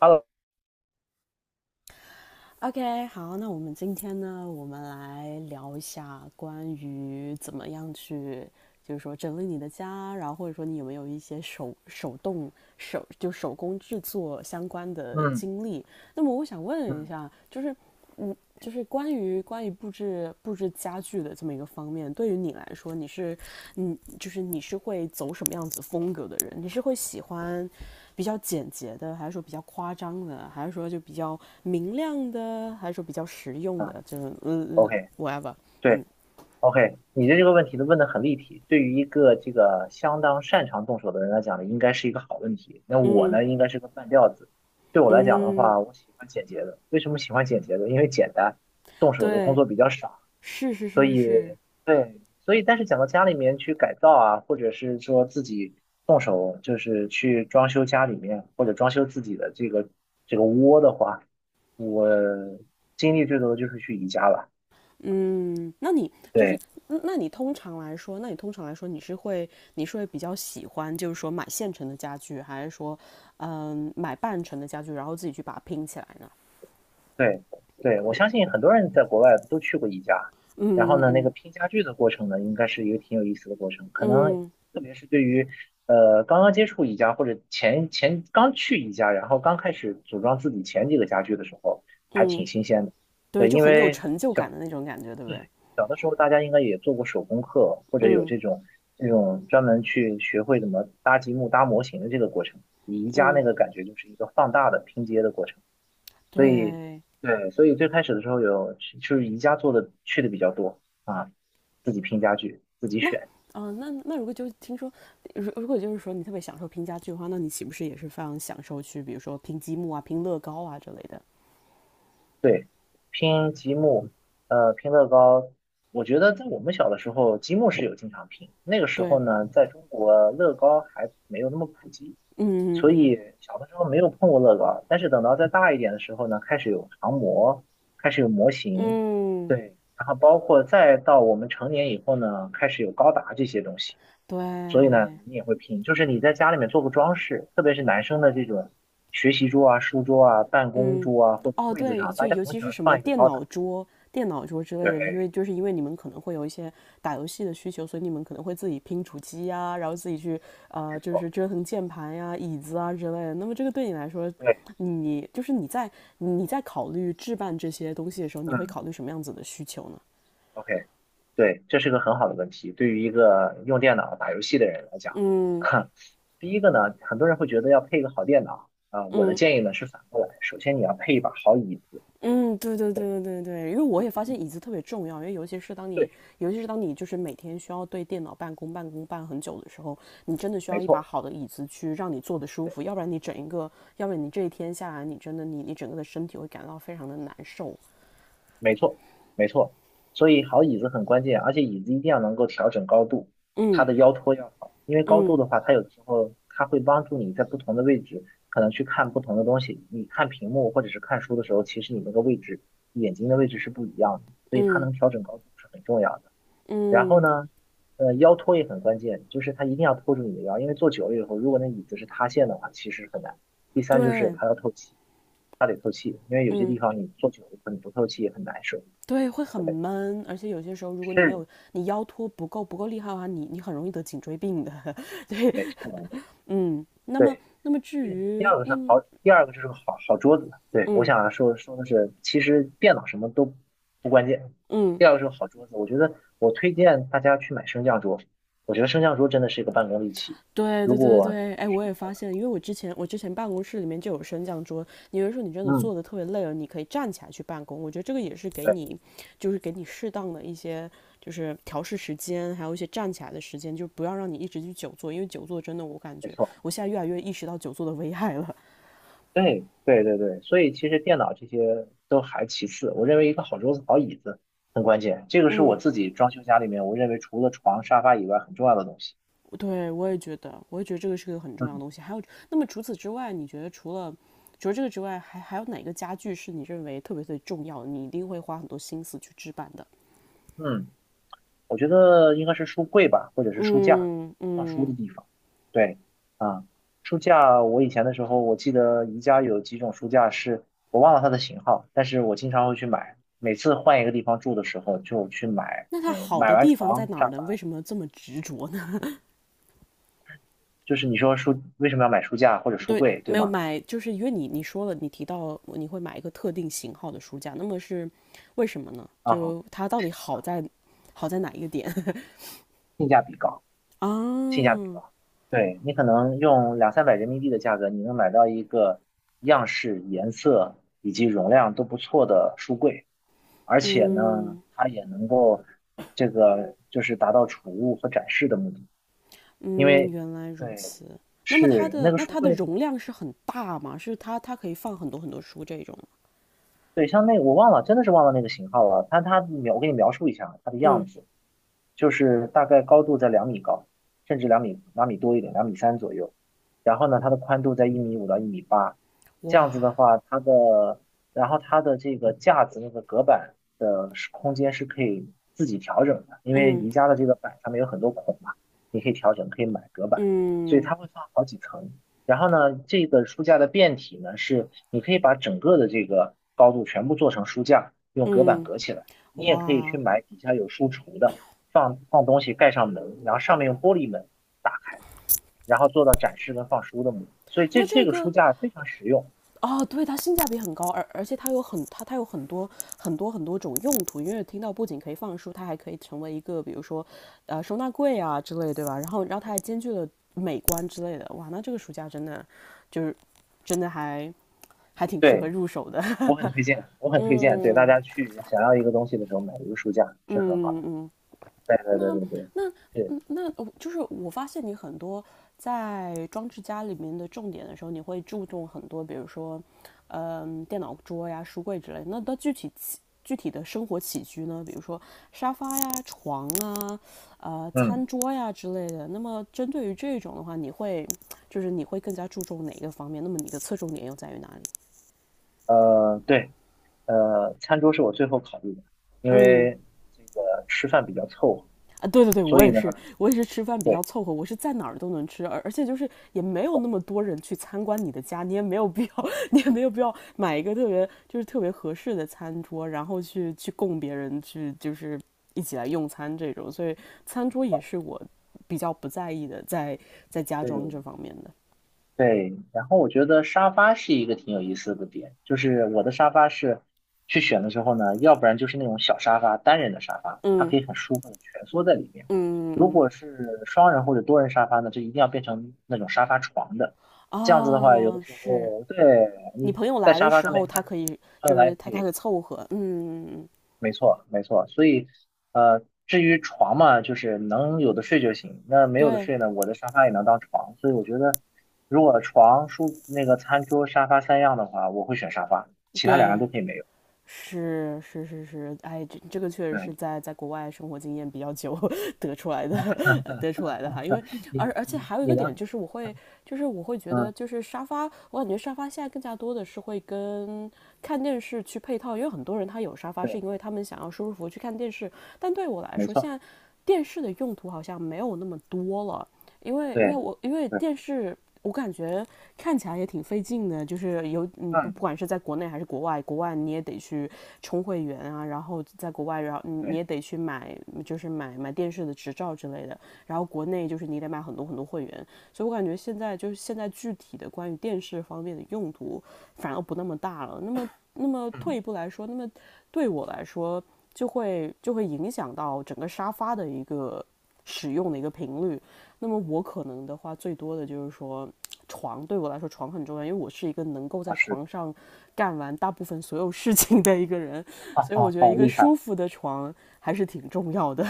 Hello，OK，好，那我们今天呢，我们来聊一下关于怎么样去，就是说整理你的家，然后或者说你有没有一些手手动手就手工制作相关的嗯经历。那么我想问一嗯下，就是关于布置家具的这么一个方面，对于你来说，你是嗯，就是你是会走什么样子风格的人？你是会喜欢比较简洁的，还是说比较夸张的，还是说就比较明亮的，还是说比较实用啊的，就是，OK，whatever，嗯对，OK，你的这个问题的问的很立体，对于一个这个相当擅长动手的人来讲呢，应该是一个好问题。那我嗯呢，应该是个半吊子。对我来讲的嗯，话，我喜欢简洁的。为什么喜欢简洁的？因为简单，动手的工对，作比较少。是是所是以是，对，所以但是讲到家里面去改造啊，或者是说自己动手就是去装修家里面或者装修自己的这个窝的话，我经历最多的就是去宜家了。嗯，那你就是对，嗯那你通常来说你是会比较喜欢就是说买现成的家具，还是说买半成的家具，然后自己去把它拼起来呢？对对，我相信很多人在国外都去过宜家，然后呢，那个嗯拼家具的过程呢，应该是一个挺有意思的过程。可能嗯特别是对于刚刚接触宜家或者前刚去宜家，然后刚开始组装自己前几个家具的时候，还嗯，挺新鲜的。对，对，就因很有为成就感的那种感觉，对不对？小的时候大家应该也做过手工课，或者有嗯这种专门去学会怎么搭积木、搭模型的这个过程。宜家那嗯，个感觉就是一个放大的拼接的过程。所以对。对，所以最开始的时候有就是宜家做的去的比较多啊，自己拼家具，自己那选，嗯，那那如果就是说你特别享受拼家具的话，那你岂不是也是非常享受去，比如说拼积木啊、拼乐高啊之类的？对，拼积木，拼乐高。我觉得在我们小的时候，积木是有经常拼。那个时候对，呢，在中国乐高还没有那么普及，嗯嗯所嗯以小的时候没有碰过乐高。但是等到再大一点的时候呢，开始有航模，开始有模型，嗯，对，然后包括再到我们成年以后呢，开始有高达这些东西。对，所以呢，你也会拼，就是你在家里面做个装饰，特别是男生的这种学习桌啊、书桌啊、办公嗯，桌啊或者哦，柜子对，上，就大家尤总其喜是欢什么放一个电高脑达。桌、电脑桌之类的，因对，为就是因为你们可能会有一些打游戏的需求，所以你们可能会自己拼主机呀，然后自己去没就是错，折腾键盘呀、椅子啊之类的。那么这个对你来说，对，你就是你在你在考虑置办这些东西的时候，你会嗯考虑什么样子的需求呢？，OK，对，这是个很好的问题，对于一个用电脑打游戏的人来讲，嗯哈，第一个呢，很多人会觉得要配一个好电脑啊，我的嗯。建议呢是反过来，首先你要配一把好椅子，嗯，对对对，对对对对，因为我也发现嗯，椅子特别重要，因为尤其是当你，对，尤其是当你就是每天需要对电脑办公办很久的时候，你真的需要没一把错。好的椅子去让你坐得舒对。服，要不然你这一天下来，你真的你整个的身体会感到非常的难受。没错，没错，所以好椅子很关键，而且椅子一定要能够调整高度，它嗯的腰托要好，因为高度嗯的话，它有的时候它会帮助你在不同的位置，可能去看不同的东西。你看屏幕或者是看书的时候，其实你那个位置，眼睛的位置是不一样的，所以它嗯能调整高度是很重要的。然后嗯，呢，腰托也很关键，就是它一定要托住你的腰，因为坐久了以后，如果那椅子是塌陷的话，其实很难。第三就是对，它要透气，它得透气，因为有些嗯地方你坐久了以后你不透气也很难受。对，会很对，闷，而且有些时候如果你没是有你腰托不够厉害的话，你很容易得颈椎病的。对。没错，嗯，那么对。那么至第第于二个是那么好，第二个就是个好桌子。对，我嗯。想说说的是，其实电脑什么都不关键，嗯，第二个是个好桌子。我觉得我推荐大家去买升降桌，我觉得升降桌真的是一个办公利器。对如对对果你对，可哎，以试我也发现，因为我之前办公室里面就有升降桌，你有的说你真的嗯，坐的特别累了，你可以站起来去办公。我觉得这个也是给对，你，就是给你适当的一些就是调试时间，还有一些站起来的时间，就不要让你一直去久坐，因为久坐真的我感没觉错，我现在越来越意识到久坐的危害了。对对对对，所以其实电脑这些都还其次，我认为一个好桌子、好椅子很关键，这个是我嗯，自己装修家里面，我认为除了床、沙发以外很重要的东西。对，我也觉得这个是个很重要的嗯东西。还有，那么除此之外，你觉得除了这个之外，还有哪个家具是你认为特别特别重要的你一定会花很多心思去置办的？嗯。我觉得应该是书柜吧，或者是书架，嗯放书的嗯，地方。对，啊，书架，我以前的时候，我记得宜家有几种书架是，我忘了它的型号，但是我经常会去买，每次换一个地方住的时候就去买，那它嗯，好买的完地方在床、哪沙儿呢？发，为什么这么执着呢？就是你说书为什么要买书架或者 书对，柜，对没有吗？买，就是因为你说了，你提到你会买一个特定型号的书架，那么是为什么呢？啊，就它到底好在哪一个点 性价比高，啊？性价比高。对，你可能用两三百人民币的价格，你能买到一个样式、颜色以及容量都不错的书柜。而且呢，嗯它也能够这个就是达到储物和展示的目的，因嗯，为原来如对此。那么它是那的个那书它的柜，容量是很大吗？是它可以放很多很多书这种吗？对像那我忘了，真的是忘了那个型号了，但它描我给你描述一下它的样嗯，子，就是大概高度在2米高，甚至两米两米多一点，2米3左右。然后呢，它的宽度在1米5到1米8，这样子的哇，话，它的然后它的这个架子那个隔板的是空间是可以自己调整的，因为嗯宜家的这个板上面有很多孔嘛，你可以调整，可以买隔板，所以嗯它会放好几层。然后呢，这个书架的变体呢，是你可以把整个的这个高度全部做成书架，用隔板嗯，隔起来。你也可以去哇，买底下有书橱的，放放东西，盖上门，然后上面用玻璃门打开，然后做到展示跟放书的目的所以这那这这个个书架非常实用，哦，对，它性价比很高，而且它有很多很多很多种用途，因为听到不仅可以放书，它还可以成为一个比如说，收纳柜啊之类，对吧？然后它还兼具了美观之类的，哇，那这个暑假就是真的还挺适合对入手的，我很推荐，我 很推荐，对大嗯家去想要一个东西的时候买一个书架是很好嗯的。嗯。对对对那对对，对，那我发现你很多在装置家里面的重点的时候，你会注重很多，比如说，电脑桌呀、书柜之类的。那到具体起具体的生活起居呢？比如说沙发呀、床啊、嗯餐桌呀之类的。那么针对于这种的话，你会更加注重哪一个方面？那么你的侧重点又在于哪里？对餐桌是我最后考虑的，因嗯为这个吃饭比较凑合，啊，对对对，所我以也呢，是，我也是吃饭比较对凑合，我是在哪儿都能吃，而且就是也没有那么多人去参观你的家，你也没有必要，你也没有必要买一个特别就是特别合适的餐桌，然后去供别人去就是一起来用餐这种，所以餐桌也是我比较不在意的，在家装对这方面的。对，然后我觉得沙发是一个挺有意思的点，就是我的沙发是去选的时候呢，要不然就是那种小沙发，单人的沙发，它可嗯以很舒服的蜷缩在里面；如嗯嗯果是双人或者多人沙发呢，就一定要变成那种沙发床的。这样子的话，有嗯，的啊，时是候对你你朋友在来的沙发时上候，面他看书，可以后就是来他可他可以以凑合，嗯嗯嗯，嗯没错，没错。所以，至于床嘛，就是能有的睡就行。那没有的对睡呢，我的沙发也能当床。所以我觉得，如果床、书、那个餐桌、沙发三样的话，我会选沙发，其他两样对都可以没有。是是是是，哎，这个确实对，是在国外生活经验比较久 得出来的，得出来的哈。因为而你而且你还有一你个呢？点就是，我会觉嗯，得就是沙发，我感觉沙发现在更加多的是会跟看电视去配套，因为很多人他有沙发是对，因为他们想要舒舒服服去看电视，但对我来没说，现错，在电视的用途好像没有那么多了。因为因为对我因为对，电视我感觉看起来也挺费劲的，就是有你不不嗯管是在国内还是国外，国外你也得去充会员啊，然后在国外，然后你对，也得去买，就是买电视的执照之类的，然后国内就是你得买很多很多会员，所以我感觉现在就是现在具体的关于电视方面的用途反而不那么大了。那么退一嗯，步来说，那么对我来说就会影响到整个沙发的一个使用的一个频率。那么我可能的话，最多的就是说，床对我来说床很重要，因为我是一个能够在啊是，床上干完大部分所有事情的一个人，好所以我好觉得好一个厉害。舒服的床还是挺重要的。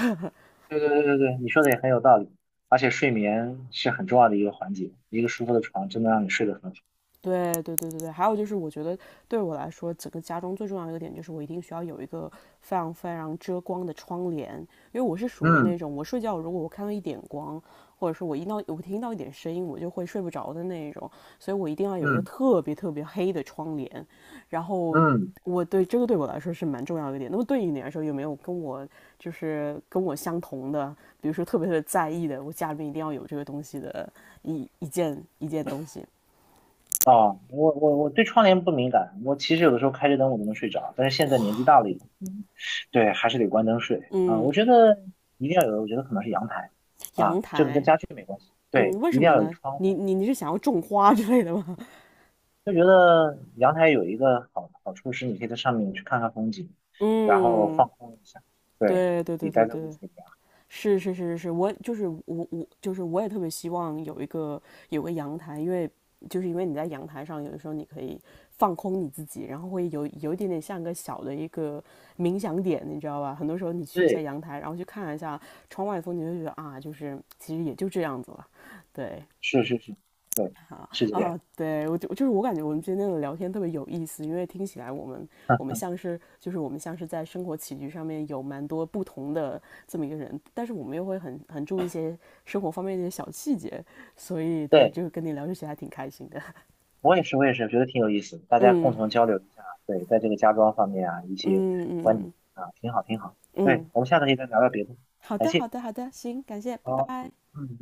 对对对对对，你说的也很有道理。而且睡眠是很重要的一个环节，一个舒服的床真的让你睡得很好。对对对对对，还有就是，我觉得对我来说，整个家中最重要的一个点就是，我一定需要有一个非常非常遮光的窗帘，因为我是属于嗯那种，我睡觉如果我看到一点光，或者是我听到一点声音，我就会睡不着的那一种，所以我一定要有一个嗯特别特别黑的窗帘。然后嗯。我对这个对我来说是蛮重要的一个点。那么对于你来说，有没有跟我相同的，比如说特别特别在意的，我家里面一定要有这个东西的一件东西？啊，我对窗帘不敏感，我其实有的时候开着灯我都能睡着，但是现在年纪大了以后，嗯 对，还是得关灯睡啊。嗯。我觉得一定要有，我觉得可能是阳台阳啊，这个跟台。家具没关系，嗯，对，为一什定么要有呢？窗你户。你你是想要种花之类的吗？就觉得阳台有一个好处是，你可以在上面去看看风景，然后嗯，放空一下，对，对对对比对待在屋对，子里面。是是是是是，我就是我我就是我也特别希望有个阳台，因为你在阳台上，有的时候你可以放空你自己，然后会有一点点像个小的一个冥想点，你知道吧？很多时候你去一下对，阳台，然后去看一下窗外的风景，就觉得啊，就是其实也就这样子了，对。是是是，对，是这啊，样。对，我就就是我感觉我们今天的聊天特别有意思，因为听起来我们 像是就是我们像是在生活起居上面有蛮多不同的这么一个人，但是我们又会很注意一些生活方面的一些小细节，所以对，就是跟你聊这些还挺开心的。我也是，我也是，觉得挺有意思的大家共嗯同交流一下，对，在这个家装方面啊，一嗯些嗯观点嗯啊，挺好，挺好。对，嗯，我们下次可以再聊聊别的，好感的好谢。的好的，行，感谢，拜好，拜。嗯。